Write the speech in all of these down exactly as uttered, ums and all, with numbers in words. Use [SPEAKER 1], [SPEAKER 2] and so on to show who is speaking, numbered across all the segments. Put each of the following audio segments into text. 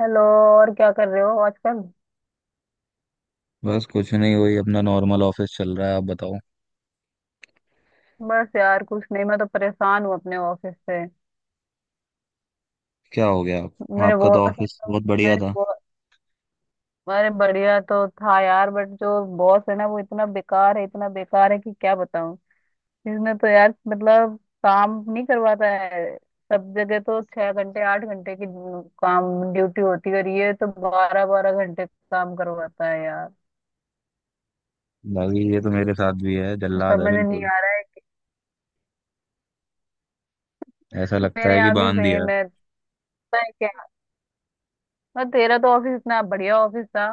[SPEAKER 1] Hello. और क्या कर रहे हो आजकल?
[SPEAKER 2] बस कुछ नहीं, वही अपना नॉर्मल ऑफिस चल रहा है। आप बताओ।
[SPEAKER 1] बस यार कुछ नहीं, मैं तो परेशान हूँ अपने ऑफिस से।
[SPEAKER 2] क्या हो गया आप?
[SPEAKER 1] मेरे
[SPEAKER 2] आपका तो
[SPEAKER 1] बॉस।
[SPEAKER 2] ऑफिस बहुत बढ़िया
[SPEAKER 1] मेरे
[SPEAKER 2] था।
[SPEAKER 1] बॉस। अरे बढ़िया तो था यार, बट जो बॉस है ना, वो इतना बेकार है, इतना बेकार है कि क्या बताऊँ। इसने तो यार मतलब काम नहीं करवाता है। सब जगह तो छह घंटे आठ घंटे की काम ड्यूटी होती है, और ये तो बारह बारह घंटे काम करवाता है यार।
[SPEAKER 2] भाई ये तो मेरे साथ भी है, जल्लाद है
[SPEAKER 1] समझ नहीं
[SPEAKER 2] बिल्कुल।
[SPEAKER 1] आ रहा है कि
[SPEAKER 2] ऐसा लगता
[SPEAKER 1] मेरे
[SPEAKER 2] है कि
[SPEAKER 1] यहाँ भी
[SPEAKER 2] बांध दिया है।
[SPEAKER 1] सेम है। पता है क्या, और तेरा तो ऑफिस इतना बढ़िया ऑफिस था।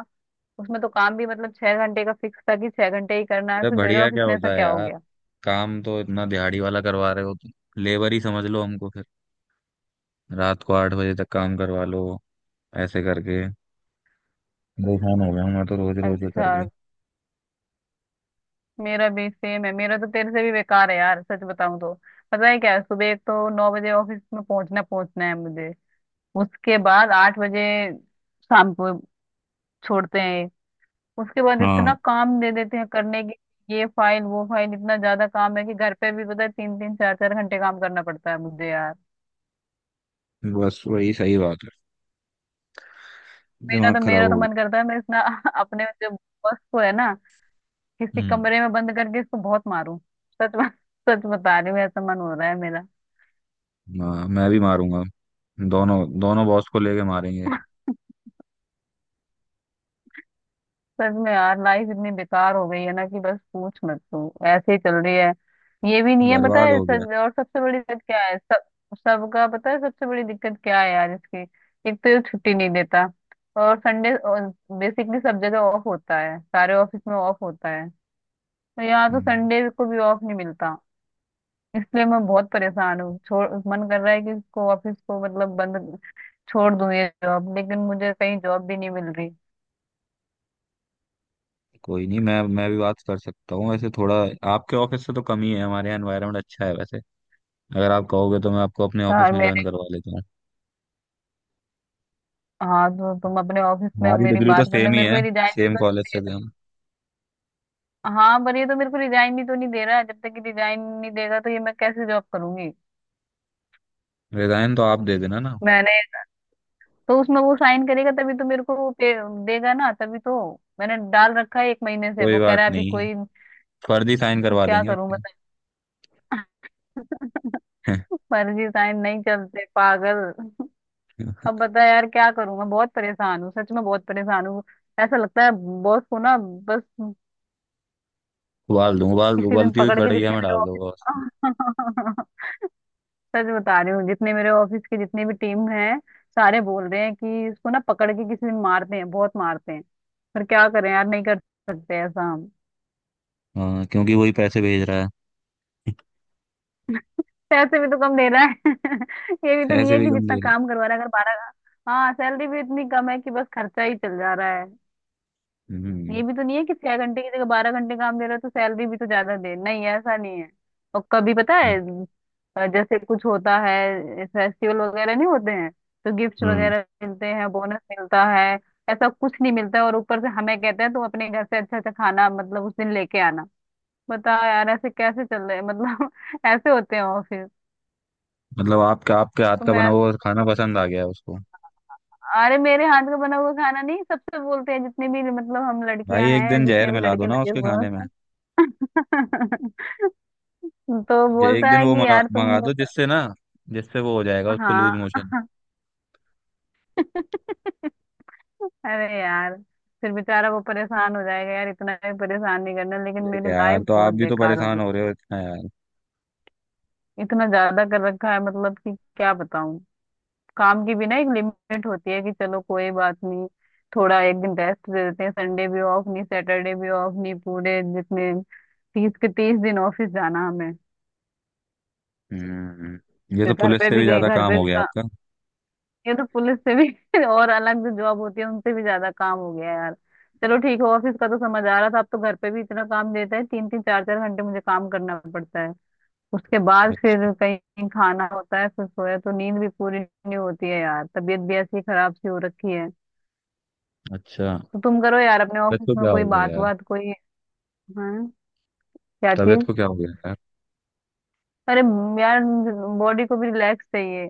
[SPEAKER 1] उसमें तो काम भी मतलब छह घंटे का फिक्स था कि छह घंटे ही करना है,
[SPEAKER 2] अरे
[SPEAKER 1] फिर तेरे
[SPEAKER 2] बढ़िया
[SPEAKER 1] ऑफिस
[SPEAKER 2] क्या
[SPEAKER 1] में ऐसा
[SPEAKER 2] होता है
[SPEAKER 1] क्या हो
[SPEAKER 2] यार।
[SPEAKER 1] गया?
[SPEAKER 2] काम तो इतना दिहाड़ी वाला करवा रहे हो तुम। लेबर ही समझ लो हमको फिर। रात को आठ बजे तक काम करवा लो, ऐसे करके। परेशान हो गया हूं मैं तो, रोज रोज ये
[SPEAKER 1] अच्छा,
[SPEAKER 2] करके।
[SPEAKER 1] मेरा भी सेम है, मेरा तो तेरे से भी बेकार है यार सच बताऊं तो। पता है क्या है, सुबह एक तो नौ बजे ऑफिस में पहुंचना पहुंचना है मुझे। उसके बाद आठ बजे शाम को छोड़ते हैं। उसके बाद इतना
[SPEAKER 2] हाँ,
[SPEAKER 1] काम दे देते हैं करने के, ये फाइल वो फाइल, इतना ज्यादा काम है कि घर पे भी पता है तीन तीन चार चार घंटे काम करना पड़ता है मुझे यार।
[SPEAKER 2] बस वही सही बात है।
[SPEAKER 1] मेरा
[SPEAKER 2] दिमाग
[SPEAKER 1] तो
[SPEAKER 2] खराब
[SPEAKER 1] मेरा तो
[SPEAKER 2] हो
[SPEAKER 1] मन
[SPEAKER 2] गया।
[SPEAKER 1] करता है मैं इतना अपने जो बॉस को है ना, किसी
[SPEAKER 2] हम्म।
[SPEAKER 1] कमरे में बंद करके इसको बहुत मारूं। सच में। सच बता रही हूँ, ऐसा मन हो रहा है मेरा।
[SPEAKER 2] हाँ मैं भी मारूंगा। दोनों दोनों बॉस को लेके मारेंगे।
[SPEAKER 1] सच में यार, लाइफ इतनी बेकार हो गई है ना कि बस पूछ मत, तू ऐसे ही चल रही है। ये भी नहीं है पता
[SPEAKER 2] बर्बाद
[SPEAKER 1] है
[SPEAKER 2] हो गया।
[SPEAKER 1] सच, और सबसे बड़ी दिक्कत क्या है सब, सबका पता है सबसे बड़ी दिक्कत क्या है यार इसकी। एक तो ये छुट्टी नहीं देता, और संडे बेसिकली सब जगह ऑफ होता है, सारे ऑफिस में ऑफ होता है, तो यहाँ तो
[SPEAKER 2] हम्म,
[SPEAKER 1] संडे को भी ऑफ नहीं मिलता। इसलिए मैं बहुत परेशान हूँ, छोड़ मन कर रहा है कि इसको ऑफिस को मतलब बंद छोड़ दूंगी जॉब, लेकिन मुझे कहीं जॉब भी नहीं मिल रही।
[SPEAKER 2] कोई नहीं। मैं मैं भी बात कर सकता हूँ वैसे, थोड़ा आपके ऑफिस से तो कम ही है। हमारे यहाँ एनवायरनमेंट अच्छा है वैसे। अगर आप कहोगे तो मैं आपको अपने ऑफिस
[SPEAKER 1] यार
[SPEAKER 2] में ज्वाइन
[SPEAKER 1] मेरे,
[SPEAKER 2] करवा लेता हूँ।
[SPEAKER 1] हाँ तो तुम अपने ऑफिस में
[SPEAKER 2] हमारी
[SPEAKER 1] मेरी
[SPEAKER 2] डिग्री तो
[SPEAKER 1] बात करना,
[SPEAKER 2] सेम ही
[SPEAKER 1] मेरे को
[SPEAKER 2] है,
[SPEAKER 1] ये रिजाइन भी
[SPEAKER 2] सेम
[SPEAKER 1] तो
[SPEAKER 2] कॉलेज से
[SPEAKER 1] नहीं
[SPEAKER 2] थे
[SPEAKER 1] दे
[SPEAKER 2] हम।
[SPEAKER 1] रहा। हाँ पर ये तो मेरे को रिजाइन भी तो नहीं दे रहा है, जब तक कि रिजाइन नहीं देगा तो ये मैं कैसे जॉब करूंगी।
[SPEAKER 2] रिजाइन तो आप दे देना ना।
[SPEAKER 1] मैंने, तो उसमें वो साइन करेगा तभी तो मेरे को वो पे देगा ना तभी तो। मैंने डाल रखा है एक महीने से,
[SPEAKER 2] कोई
[SPEAKER 1] वो कह
[SPEAKER 2] बात
[SPEAKER 1] रहा है अभी
[SPEAKER 2] नहीं,
[SPEAKER 1] कोई।
[SPEAKER 2] फर्जी साइन
[SPEAKER 1] तो
[SPEAKER 2] करवा
[SPEAKER 1] क्या
[SPEAKER 2] देंगे
[SPEAKER 1] करूं
[SPEAKER 2] उसके।
[SPEAKER 1] बता। फर्जी साइन नहीं चलते पागल। अब बता यार क्या करूं, मैं बहुत परेशान हूँ सच में, बहुत परेशान हूँ। ऐसा लगता है बॉस को ना, बस
[SPEAKER 2] उबाल दूँ उबाल
[SPEAKER 1] किसी दिन
[SPEAKER 2] उबलती हुई
[SPEAKER 1] पकड़ के
[SPEAKER 2] कढ़ैया
[SPEAKER 1] जितने
[SPEAKER 2] में
[SPEAKER 1] मेरे
[SPEAKER 2] डाल
[SPEAKER 1] ऑफिस
[SPEAKER 2] दूंगा उसको।
[SPEAKER 1] सच बता रही हूँ, जितने मेरे ऑफिस के जितने भी टीम हैं सारे बोल रहे हैं कि इसको ना पकड़ के किसी दिन मारते हैं, बहुत मारते हैं। पर क्या करें यार, नहीं कर सकते ऐसा हम।
[SPEAKER 2] हाँ क्योंकि वही पैसे भेज रहा है।
[SPEAKER 1] पैसे भी तो कम दे रहा है। ये भी तो नहीं
[SPEAKER 2] पैसे
[SPEAKER 1] है
[SPEAKER 2] भी
[SPEAKER 1] कि
[SPEAKER 2] कम
[SPEAKER 1] जितना
[SPEAKER 2] दे रहा
[SPEAKER 1] काम करवा रहा है, अगर बारह। हाँ, सैलरी भी इतनी कम है कि बस खर्चा ही चल जा रहा है।
[SPEAKER 2] है।
[SPEAKER 1] ये
[SPEAKER 2] हम्म।
[SPEAKER 1] भी तो नहीं है कि छह घंटे की जगह बारह घंटे काम दे रहे हो तो सैलरी भी तो ज्यादा दे, नहीं ऐसा नहीं है। और कभी पता है अ, जैसे कुछ होता है फेस्टिवल वगैरह, नहीं होते हैं तो गिफ्ट
[SPEAKER 2] हम्म।
[SPEAKER 1] वगैरह मिलते हैं, बोनस मिलता है। ऐसा कुछ नहीं मिलता है, और ऊपर से हमें कहते हैं तुम अपने घर से अच्छा अच्छा खाना मतलब उस दिन लेके आना। बताओ यार ऐसे कैसे चल रहे हैं मतलब। ऐसे होते हैं ऑफिस?
[SPEAKER 2] मतलब आपके आपके हाथ
[SPEAKER 1] तो
[SPEAKER 2] का बना
[SPEAKER 1] मैं,
[SPEAKER 2] हुआ खाना पसंद आ गया उसको।
[SPEAKER 1] अरे मेरे हाथ का बना हुआ खाना नहीं, सबसे बोलते हैं जितने भी मतलब हम
[SPEAKER 2] भाई
[SPEAKER 1] लड़कियां
[SPEAKER 2] एक
[SPEAKER 1] हैं
[SPEAKER 2] दिन जहर
[SPEAKER 1] जितने भी
[SPEAKER 2] मिला दो
[SPEAKER 1] लड़के
[SPEAKER 2] ना
[SPEAKER 1] लगे
[SPEAKER 2] उसके
[SPEAKER 1] हुए हैं
[SPEAKER 2] खाने में।
[SPEAKER 1] सब। तो
[SPEAKER 2] कि एक
[SPEAKER 1] बोलता
[SPEAKER 2] दिन
[SPEAKER 1] है
[SPEAKER 2] वो
[SPEAKER 1] कि
[SPEAKER 2] मंगा
[SPEAKER 1] यार तुम
[SPEAKER 2] मंगा दो,
[SPEAKER 1] लोग।
[SPEAKER 2] जिससे ना, जिससे वो हो जाएगा, उसको लूज
[SPEAKER 1] हाँ
[SPEAKER 2] मोशन।
[SPEAKER 1] अरे यार, फिर बेचारा वो परेशान हो जाएगा यार, इतना भी परेशान नहीं करना, लेकिन
[SPEAKER 2] अरे
[SPEAKER 1] मेरी
[SPEAKER 2] यार,
[SPEAKER 1] लाइफ
[SPEAKER 2] तो आप
[SPEAKER 1] बहुत
[SPEAKER 2] भी तो
[SPEAKER 1] बेकार हो
[SPEAKER 2] परेशान
[SPEAKER 1] गई।
[SPEAKER 2] हो रहे हो इतना यार।
[SPEAKER 1] इतना ज्यादा कर रखा है मतलब कि क्या बताऊं। काम की भी ना एक लिमिट होती है, कि चलो कोई बात नहीं थोड़ा एक दिन रेस्ट दे देते हैं, संडे भी ऑफ नहीं, सैटरडे भी ऑफ नहीं, पूरे जितने तीस के तीस दिन ऑफिस जाना हमें।
[SPEAKER 2] हम्म। ये
[SPEAKER 1] फिर
[SPEAKER 2] तो
[SPEAKER 1] घर
[SPEAKER 2] पुलिस
[SPEAKER 1] पे
[SPEAKER 2] से
[SPEAKER 1] भी
[SPEAKER 2] भी
[SPEAKER 1] गए,
[SPEAKER 2] ज्यादा
[SPEAKER 1] घर
[SPEAKER 2] काम
[SPEAKER 1] पे
[SPEAKER 2] हो
[SPEAKER 1] भी
[SPEAKER 2] गया
[SPEAKER 1] का-
[SPEAKER 2] आपका।
[SPEAKER 1] ये तो पुलिस से भी और अलग जो जॉब होती है उनसे भी ज्यादा काम हो गया है यार। चलो ठीक है ऑफिस का तो समझ आ रहा था, अब तो घर पे भी इतना काम देता है तीन तीन चार चार घंटे मुझे काम करना पड़ता है। उसके बाद
[SPEAKER 2] अच्छा,
[SPEAKER 1] फिर कहीं खाना होता है, फिर सोया तो नींद भी पूरी नहीं होती है यार, तबीयत भी ऐसी खराब सी हो रखी है।
[SPEAKER 2] अच्छा।
[SPEAKER 1] तो तुम करो यार अपने
[SPEAKER 2] तबीयत
[SPEAKER 1] ऑफिस
[SPEAKER 2] को
[SPEAKER 1] में
[SPEAKER 2] क्या हो
[SPEAKER 1] कोई
[SPEAKER 2] गया
[SPEAKER 1] बात,
[SPEAKER 2] यार?
[SPEAKER 1] बात कोई। हाँ, क्या
[SPEAKER 2] तबीयत
[SPEAKER 1] चीज?
[SPEAKER 2] को क्या हो गया यार?
[SPEAKER 1] अरे म, यार, बॉडी को भी रिलैक्स चाहिए।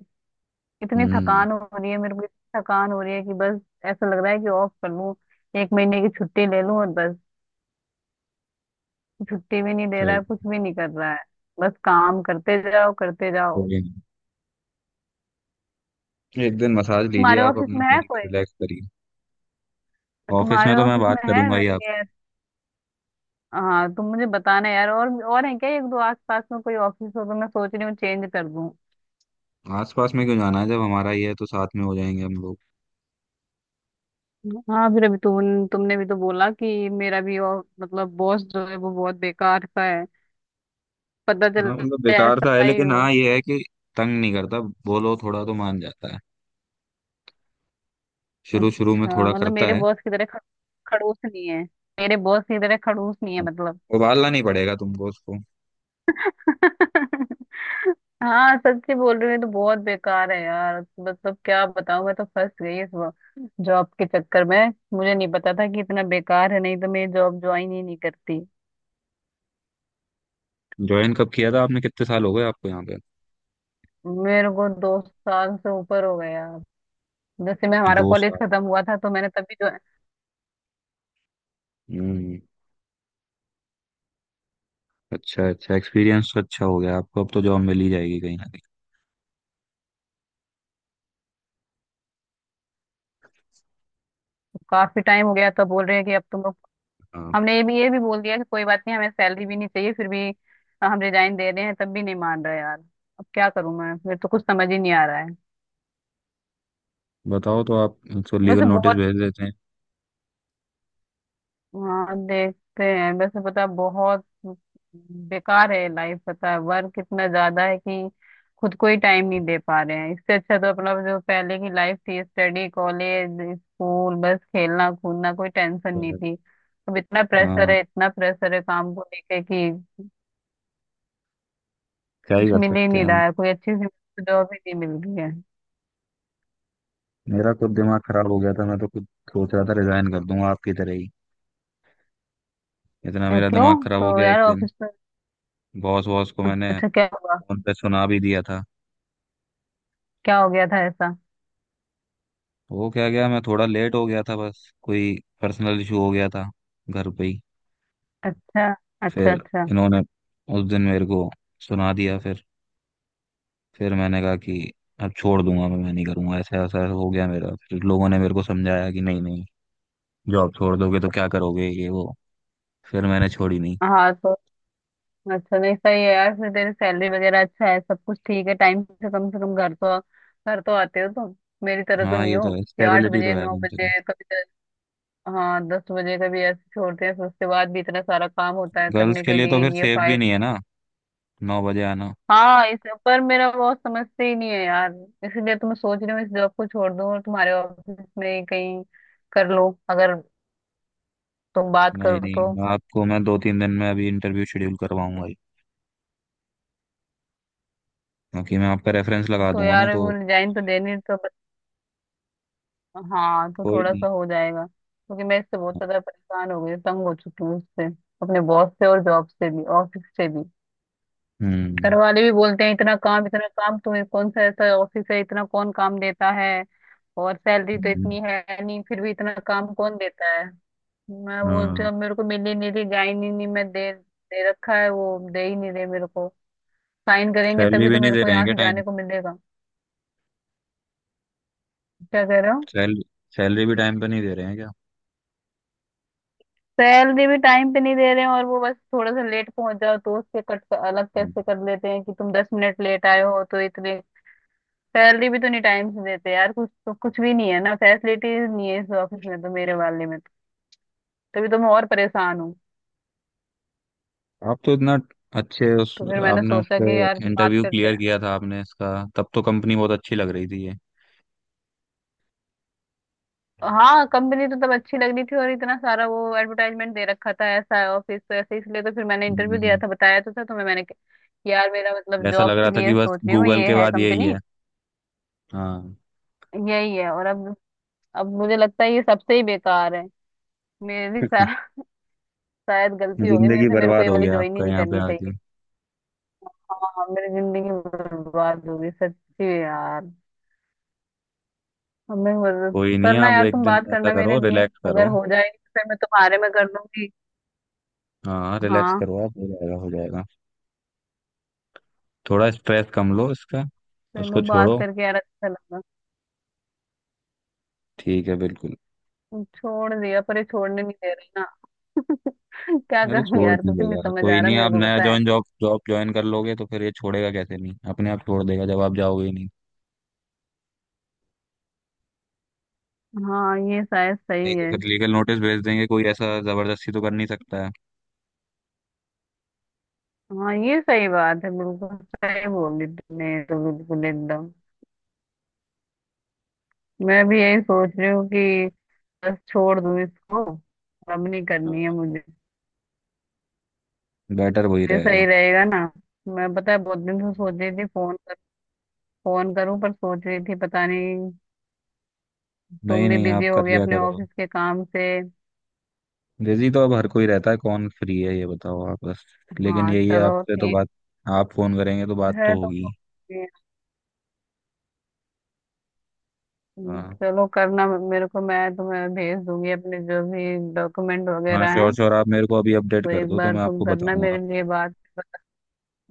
[SPEAKER 1] इतनी
[SPEAKER 2] हम्म।
[SPEAKER 1] थकान हो रही है मेरे को, इतनी थकान हो रही है कि बस ऐसा लग रहा है कि ऑफ कर लूं, एक महीने की छुट्टी ले लूं और बस। छुट्टी भी नहीं दे रहा
[SPEAKER 2] सही।
[SPEAKER 1] है, कुछ भी नहीं कर रहा है, बस काम करते जाओ करते
[SPEAKER 2] कोई
[SPEAKER 1] जाओ।
[SPEAKER 2] नहीं। एक दिन मसाज लीजिए,
[SPEAKER 1] तुम्हारे
[SPEAKER 2] आप
[SPEAKER 1] ऑफिस
[SPEAKER 2] अपने
[SPEAKER 1] में है
[SPEAKER 2] बॉडी
[SPEAKER 1] कोई?
[SPEAKER 2] को रिलैक्स करिए। ऑफिस में
[SPEAKER 1] तुम्हारे
[SPEAKER 2] तो मैं
[SPEAKER 1] ऑफिस
[SPEAKER 2] बात
[SPEAKER 1] में है
[SPEAKER 2] करूंगा ही
[SPEAKER 1] मेरे लिए?
[SPEAKER 2] आपसे।
[SPEAKER 1] हाँ तुम मुझे बताना यार, और और है क्या एक दो आस पास में कोई ऑफिस, हो तो मैं सोच रही हूँ चेंज कर दूं।
[SPEAKER 2] आस पास में क्यों जाना है, जब हमारा ही है तो साथ में हो जाएंगे हम लोग।
[SPEAKER 1] हाँ फिर अभी तुम, तुमने भी तो बोला कि मेरा भी और मतलब बॉस जो है वो बहुत बेकार सा है। पता चल
[SPEAKER 2] हाँ मतलब बेकार सा है,
[SPEAKER 1] ऐसा ही
[SPEAKER 2] लेकिन
[SPEAKER 1] हो।
[SPEAKER 2] हाँ ये है कि तंग नहीं करता। बोलो थोड़ा तो मान जाता है। शुरू शुरू में
[SPEAKER 1] अच्छा
[SPEAKER 2] थोड़ा
[SPEAKER 1] मतलब
[SPEAKER 2] करता
[SPEAKER 1] मेरे
[SPEAKER 2] है।
[SPEAKER 1] बॉस की तरह ख- खड़ूस नहीं है? मेरे बॉस की तरह खड़ूस नहीं है मतलब।
[SPEAKER 2] उबालना नहीं पड़ेगा तुमको उसको।
[SPEAKER 1] हाँ सच्ची बोल रही हूँ, ये तो बहुत बेकार है यार, मतलब क्या बताऊँ, मैं तो फंस गई इस जॉब के चक्कर में। मुझे नहीं पता था कि इतना बेकार है, नहीं तो मैं जॉब ज्वाइन ही नहीं करती।
[SPEAKER 2] ज्वाइन कब किया था आपने? कितने साल हो गए आपको यहाँ पे?
[SPEAKER 1] मेरे को दो साल से ऊपर हो गया। जैसे मैं, हमारा
[SPEAKER 2] दो
[SPEAKER 1] कॉलेज
[SPEAKER 2] साल
[SPEAKER 1] खत्म हुआ था तो मैंने तभी जो
[SPEAKER 2] हम्म, अच्छा अच्छा। एक्सपीरियंस अच्छा हो गया आपको, अब तो जॉब मिल ही जाएगी कहीं ना कहीं।
[SPEAKER 1] काफी टाइम हो गया तो बोल रहे हैं कि अब तुम लोग।
[SPEAKER 2] हाँ
[SPEAKER 1] हमने ये भी ये भी बोल दिया कि कोई बात नहीं, हमें सैलरी भी नहीं चाहिए, फिर भी हम रिजाइन दे रहे हैं, तब भी नहीं मान रहा यार। अब क्या करूं मैं, मेरे तो कुछ समझ ही नहीं आ रहा है।
[SPEAKER 2] बताओ तो आप। तो लीगल
[SPEAKER 1] वैसे
[SPEAKER 2] नोटिस
[SPEAKER 1] बहुत,
[SPEAKER 2] भेज देते हैं।
[SPEAKER 1] हाँ देखते हैं वैसे, पता बहुत बेकार है लाइफ, पता है वर्क इतना ज्यादा है कि खुद को ही टाइम नहीं दे पा रहे हैं, इससे अच्छा तो अपना जो पहले की लाइफ थी स्टडी कॉलेज स्कूल, बस खेलना कूदना, कोई टेंशन नहीं
[SPEAKER 2] पर,
[SPEAKER 1] थी। अब इतना प्रेशर
[SPEAKER 2] हाँ,
[SPEAKER 1] है, इतना प्रेशर है काम को लेके कि
[SPEAKER 2] क्या ही
[SPEAKER 1] कुछ
[SPEAKER 2] कर
[SPEAKER 1] मिल ही
[SPEAKER 2] सकते हैं
[SPEAKER 1] नहीं
[SPEAKER 2] हम।
[SPEAKER 1] रहा है, कोई अच्छी सी जॉब ही नहीं मिल रही है।
[SPEAKER 2] मेरा खुद दिमाग खराब हो गया था, मैं तो खुद सोच रहा था रिजाइन कर दूंगा आपकी तरह ही। इतना
[SPEAKER 1] अ,
[SPEAKER 2] मेरा
[SPEAKER 1] क्यों?
[SPEAKER 2] दिमाग खराब हो
[SPEAKER 1] तो
[SPEAKER 2] गया एक
[SPEAKER 1] यार
[SPEAKER 2] दिन।
[SPEAKER 1] ऑफिस में,
[SPEAKER 2] बॉस बॉस को मैंने
[SPEAKER 1] अच्छा क्या हुआ?
[SPEAKER 2] फोन पे सुना भी दिया था।
[SPEAKER 1] क्या हो गया था ऐसा?
[SPEAKER 2] वो क्या गया, मैं थोड़ा लेट हो गया था, बस कोई पर्सनल इशू हो गया था घर पे ही।
[SPEAKER 1] अच्छा, अच्छा
[SPEAKER 2] फिर
[SPEAKER 1] अच्छा।
[SPEAKER 2] इन्होंने उस दिन मेरे को सुना दिया। फिर फिर मैंने कहा कि अब छोड़ दूंगा मैं, मैं नहीं करूंगा ऐसा। ऐसा हो गया मेरा, फिर लोगों ने मेरे को समझाया कि नहीं नहीं, जॉब छोड़ दोगे तो क्या करोगे ये वो। फिर मैंने छोड़ी नहीं।
[SPEAKER 1] हाँ तो अच्छा, नहीं सही है यार, फिर तेरी सैलरी वगैरह अच्छा है, सब कुछ ठीक है, टाइम से कम से कम घर तो, घर तो आते हो तुम। मेरी तरह तो
[SPEAKER 2] हाँ
[SPEAKER 1] नहीं
[SPEAKER 2] ये
[SPEAKER 1] हो
[SPEAKER 2] तो है,
[SPEAKER 1] कि आठ
[SPEAKER 2] स्टेबिलिटी तो
[SPEAKER 1] बजे
[SPEAKER 2] है
[SPEAKER 1] नौ
[SPEAKER 2] कम से
[SPEAKER 1] बजे
[SPEAKER 2] कम।
[SPEAKER 1] कभी दस। हाँ दस बजे कभी ऐसे छोड़ते हैं, फिर उसके बाद भी इतना सारा काम होता है
[SPEAKER 2] गर्ल्स
[SPEAKER 1] करने
[SPEAKER 2] के
[SPEAKER 1] के
[SPEAKER 2] लिए तो
[SPEAKER 1] लिए
[SPEAKER 2] फिर
[SPEAKER 1] ये
[SPEAKER 2] सेफ भी
[SPEAKER 1] फाइल।
[SPEAKER 2] नहीं है ना, नौ बजे आना।
[SPEAKER 1] हाँ इस, पर मेरा बहुत समझते ही नहीं है यार। इसीलिए तो मैं सोच रही हूँ इस जॉब को छोड़ दूँ, और तुम्हारे ऑफिस में ही कहीं कर लो अगर तुम बात
[SPEAKER 2] नहीं
[SPEAKER 1] करो तो।
[SPEAKER 2] नहीं, आपको मैं दो तीन दिन में अभी इंटरव्यू शेड्यूल करवाऊंगा ही, क्योंकि मैं आपका रेफरेंस लगा
[SPEAKER 1] तो
[SPEAKER 2] दूंगा ना
[SPEAKER 1] यार
[SPEAKER 2] तो।
[SPEAKER 1] वो रिजाइन तो देनी तो प- हाँ तो
[SPEAKER 2] कोई
[SPEAKER 1] थोड़ा
[SPEAKER 2] नहीं।
[SPEAKER 1] सा हो जाएगा, क्योंकि मैं इससे बहुत ज्यादा परेशान हो गई, तंग हो चुकी हूँ उससे, अपने बॉस से, और जॉब से भी, ऑफिस से भी। घर
[SPEAKER 2] हम्म।
[SPEAKER 1] वाले भी बोलते हैं इतना काम, इतना काम तुम्हें, कौन सा ऐसा ऑफिस है इतना कौन काम देता है, और सैलरी तो
[SPEAKER 2] हम्म,
[SPEAKER 1] इतनी है नहीं, फिर भी इतना काम कौन देता है। मैं बोलती
[SPEAKER 2] हाँ
[SPEAKER 1] हूँ अब मेरे को मिली नहीं, रही जा ही नहीं, नहीं मैं दे दे रखा है, वो दे ही नहीं रहे मेरे को, साइन करेंगे
[SPEAKER 2] सैलरी
[SPEAKER 1] तभी
[SPEAKER 2] भी
[SPEAKER 1] तो
[SPEAKER 2] नहीं
[SPEAKER 1] मेरे
[SPEAKER 2] दे
[SPEAKER 1] को
[SPEAKER 2] रहे हैं
[SPEAKER 1] यहाँ
[SPEAKER 2] क्या
[SPEAKER 1] से
[SPEAKER 2] टाइम?
[SPEAKER 1] जाने को मिलेगा। क्या कह रहे हो?
[SPEAKER 2] सैल, सैलरी भी टाइम पे नहीं दे रहे हैं क्या?
[SPEAKER 1] सैलरी भी टाइम पे नहीं दे रहे हैं, और वो बस थोड़ा सा लेट पहुंच जाओ तो उससे कट अलग
[SPEAKER 2] हम्म।
[SPEAKER 1] कैसे कर लेते हैं कि तुम दस मिनट लेट आए हो तो इतने, सैलरी भी तो नहीं टाइम से देते यार, कुछ तो कुछ भी नहीं है ना, फैसिलिटीज नहीं है इस ऑफिस में तो, मेरे वाले में तो। तभी तो मैं और परेशान हूँ।
[SPEAKER 2] आप तो इतना अच्छे उस,
[SPEAKER 1] तो फिर मैंने
[SPEAKER 2] आपने उस
[SPEAKER 1] सोचा
[SPEAKER 2] पे
[SPEAKER 1] कि यार बात
[SPEAKER 2] इंटरव्यू
[SPEAKER 1] करते
[SPEAKER 2] क्लियर
[SPEAKER 1] हैं।
[SPEAKER 2] किया था आपने इसका, तब तो कंपनी बहुत अच्छी लग रही थी ये।
[SPEAKER 1] हाँ कंपनी तो तब अच्छी लग रही थी, और इतना सारा वो एडवर्टाइजमेंट दे रखा था ऐसा है ऑफिस तो ऐसे, इसलिए तो फिर मैंने
[SPEAKER 2] हम्म,
[SPEAKER 1] इंटरव्यू दिया
[SPEAKER 2] हम्म।
[SPEAKER 1] था, बताया तो था तुम्हें मैंने कि यार मेरा मतलब
[SPEAKER 2] ऐसा
[SPEAKER 1] जॉब
[SPEAKER 2] लग
[SPEAKER 1] के
[SPEAKER 2] रहा था कि
[SPEAKER 1] लिए
[SPEAKER 2] बस
[SPEAKER 1] सोच रही हूँ
[SPEAKER 2] गूगल
[SPEAKER 1] ये
[SPEAKER 2] के
[SPEAKER 1] है
[SPEAKER 2] बाद यही
[SPEAKER 1] कंपनी।
[SPEAKER 2] है। हाँ।
[SPEAKER 1] यही है, और अब अब मुझे लगता है ये सबसे ही बेकार है। मेरी सा, शायद गलती हो गई मेरे
[SPEAKER 2] जिंदगी
[SPEAKER 1] से, मेरे को
[SPEAKER 2] बर्बाद
[SPEAKER 1] ये
[SPEAKER 2] हो
[SPEAKER 1] वाली
[SPEAKER 2] गया
[SPEAKER 1] ज्वाइन ही
[SPEAKER 2] आपका
[SPEAKER 1] नहीं
[SPEAKER 2] यहाँ पे
[SPEAKER 1] करनी
[SPEAKER 2] आके।
[SPEAKER 1] चाहिए। हाँ मेरी जिंदगी बर्बाद हो गई सच्ची में यार। अब मैं और-
[SPEAKER 2] कोई नहीं
[SPEAKER 1] करना
[SPEAKER 2] आप
[SPEAKER 1] यार,
[SPEAKER 2] एक
[SPEAKER 1] तुम
[SPEAKER 2] दिन
[SPEAKER 1] बात
[SPEAKER 2] ऐसा
[SPEAKER 1] करना मेरे
[SPEAKER 2] करो,
[SPEAKER 1] लिए,
[SPEAKER 2] रिलैक्स
[SPEAKER 1] अगर
[SPEAKER 2] करो।
[SPEAKER 1] हो जाए तो फिर मैं तुम्हारे में कर दूंगी।
[SPEAKER 2] हाँ रिलैक्स
[SPEAKER 1] हाँ
[SPEAKER 2] करो आप, हो जाएगा, हो जाएगा। थोड़ा स्ट्रेस कम लो इसका,
[SPEAKER 1] चलो
[SPEAKER 2] उसको
[SPEAKER 1] बात
[SPEAKER 2] छोड़ो।
[SPEAKER 1] करके यार अच्छा लगा।
[SPEAKER 2] ठीक है बिल्कुल।
[SPEAKER 1] छोड़ दिया, पर ये छोड़ने नहीं दे रही ना। क्या
[SPEAKER 2] अरे
[SPEAKER 1] करूं
[SPEAKER 2] छोड़
[SPEAKER 1] यार,
[SPEAKER 2] नहीं
[SPEAKER 1] कुछ नहीं
[SPEAKER 2] देगा,
[SPEAKER 1] समझ आ
[SPEAKER 2] कोई
[SPEAKER 1] रहा
[SPEAKER 2] नहीं,
[SPEAKER 1] मेरे
[SPEAKER 2] आप
[SPEAKER 1] को
[SPEAKER 2] नया
[SPEAKER 1] पता है।
[SPEAKER 2] ज्वाइन, जॉब जॉब ज्वाइन कर लोगे तो फिर ये छोड़ेगा कैसे, नहीं अपने आप छोड़ देगा जब आप जाओगे ही नहीं।
[SPEAKER 1] हाँ ये शायद
[SPEAKER 2] नहीं
[SPEAKER 1] सही
[SPEAKER 2] तो
[SPEAKER 1] है।
[SPEAKER 2] फिर लीगल नोटिस भेज देंगे, कोई ऐसा जबरदस्ती तो कर नहीं सकता है।
[SPEAKER 1] हाँ ये सही बात है, बिल्कुल सही बोली तुमने, ये तो बिल्कुल एकदम। मैं भी यही सोच रही हूँ कि बस छोड़ दूं इसको, अब नहीं करनी है मुझे।
[SPEAKER 2] बेटर वही
[SPEAKER 1] ये सही
[SPEAKER 2] रहेगा।
[SPEAKER 1] रहेगा ना। मैं पता है बहुत दिन से सोच रही थी फोन कर, फोन करूं पर सोच रही थी पता नहीं तुम
[SPEAKER 2] नहीं
[SPEAKER 1] भी
[SPEAKER 2] नहीं
[SPEAKER 1] बिजी
[SPEAKER 2] आप
[SPEAKER 1] हो
[SPEAKER 2] कर
[SPEAKER 1] गए
[SPEAKER 2] लिया
[SPEAKER 1] अपने
[SPEAKER 2] करो,
[SPEAKER 1] ऑफिस के काम से।
[SPEAKER 2] बिजी तो अब हर कोई रहता है, कौन फ्री है ये बताओ आप बस। लेकिन
[SPEAKER 1] हाँ
[SPEAKER 2] यही है
[SPEAKER 1] चलो
[SPEAKER 2] आपसे तो
[SPEAKER 1] ठीक
[SPEAKER 2] बात। आप फोन करेंगे तो बात
[SPEAKER 1] है
[SPEAKER 2] तो
[SPEAKER 1] तो।
[SPEAKER 2] होगी।
[SPEAKER 1] हम्म,
[SPEAKER 2] हाँ,
[SPEAKER 1] चलो करना मेरे को, मैं तुम्हें भेज दूंगी अपने जो भी डॉक्यूमेंट
[SPEAKER 2] हाँ
[SPEAKER 1] वगैरह
[SPEAKER 2] श्योर
[SPEAKER 1] हैं,
[SPEAKER 2] श्योर, आप मेरे को अभी अपडेट
[SPEAKER 1] तो
[SPEAKER 2] कर
[SPEAKER 1] एक
[SPEAKER 2] दो तो
[SPEAKER 1] बार
[SPEAKER 2] मैं
[SPEAKER 1] तुम
[SPEAKER 2] आपको
[SPEAKER 1] करना
[SPEAKER 2] बताऊंगा।
[SPEAKER 1] मेरे लिए बात।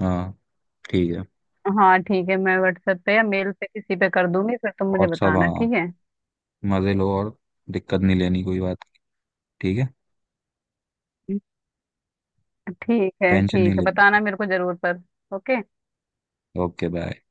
[SPEAKER 2] हाँ, ठीक है।
[SPEAKER 1] हाँ ठीक है, मैं व्हाट्सएप पे या मेल पे किसी पे कर दूंगी, फिर तुम
[SPEAKER 2] और
[SPEAKER 1] मुझे
[SPEAKER 2] सब
[SPEAKER 1] बताना।
[SPEAKER 2] हाँ,
[SPEAKER 1] ठीक है
[SPEAKER 2] मजे लो और दिक्कत नहीं लेनी कोई बात की, ठीक है।
[SPEAKER 1] ठीक है,
[SPEAKER 2] टेंशन नहीं
[SPEAKER 1] ठीक है
[SPEAKER 2] लेनी।
[SPEAKER 1] बताना मेरे को जरूर पर। ओके।
[SPEAKER 2] Okay bye.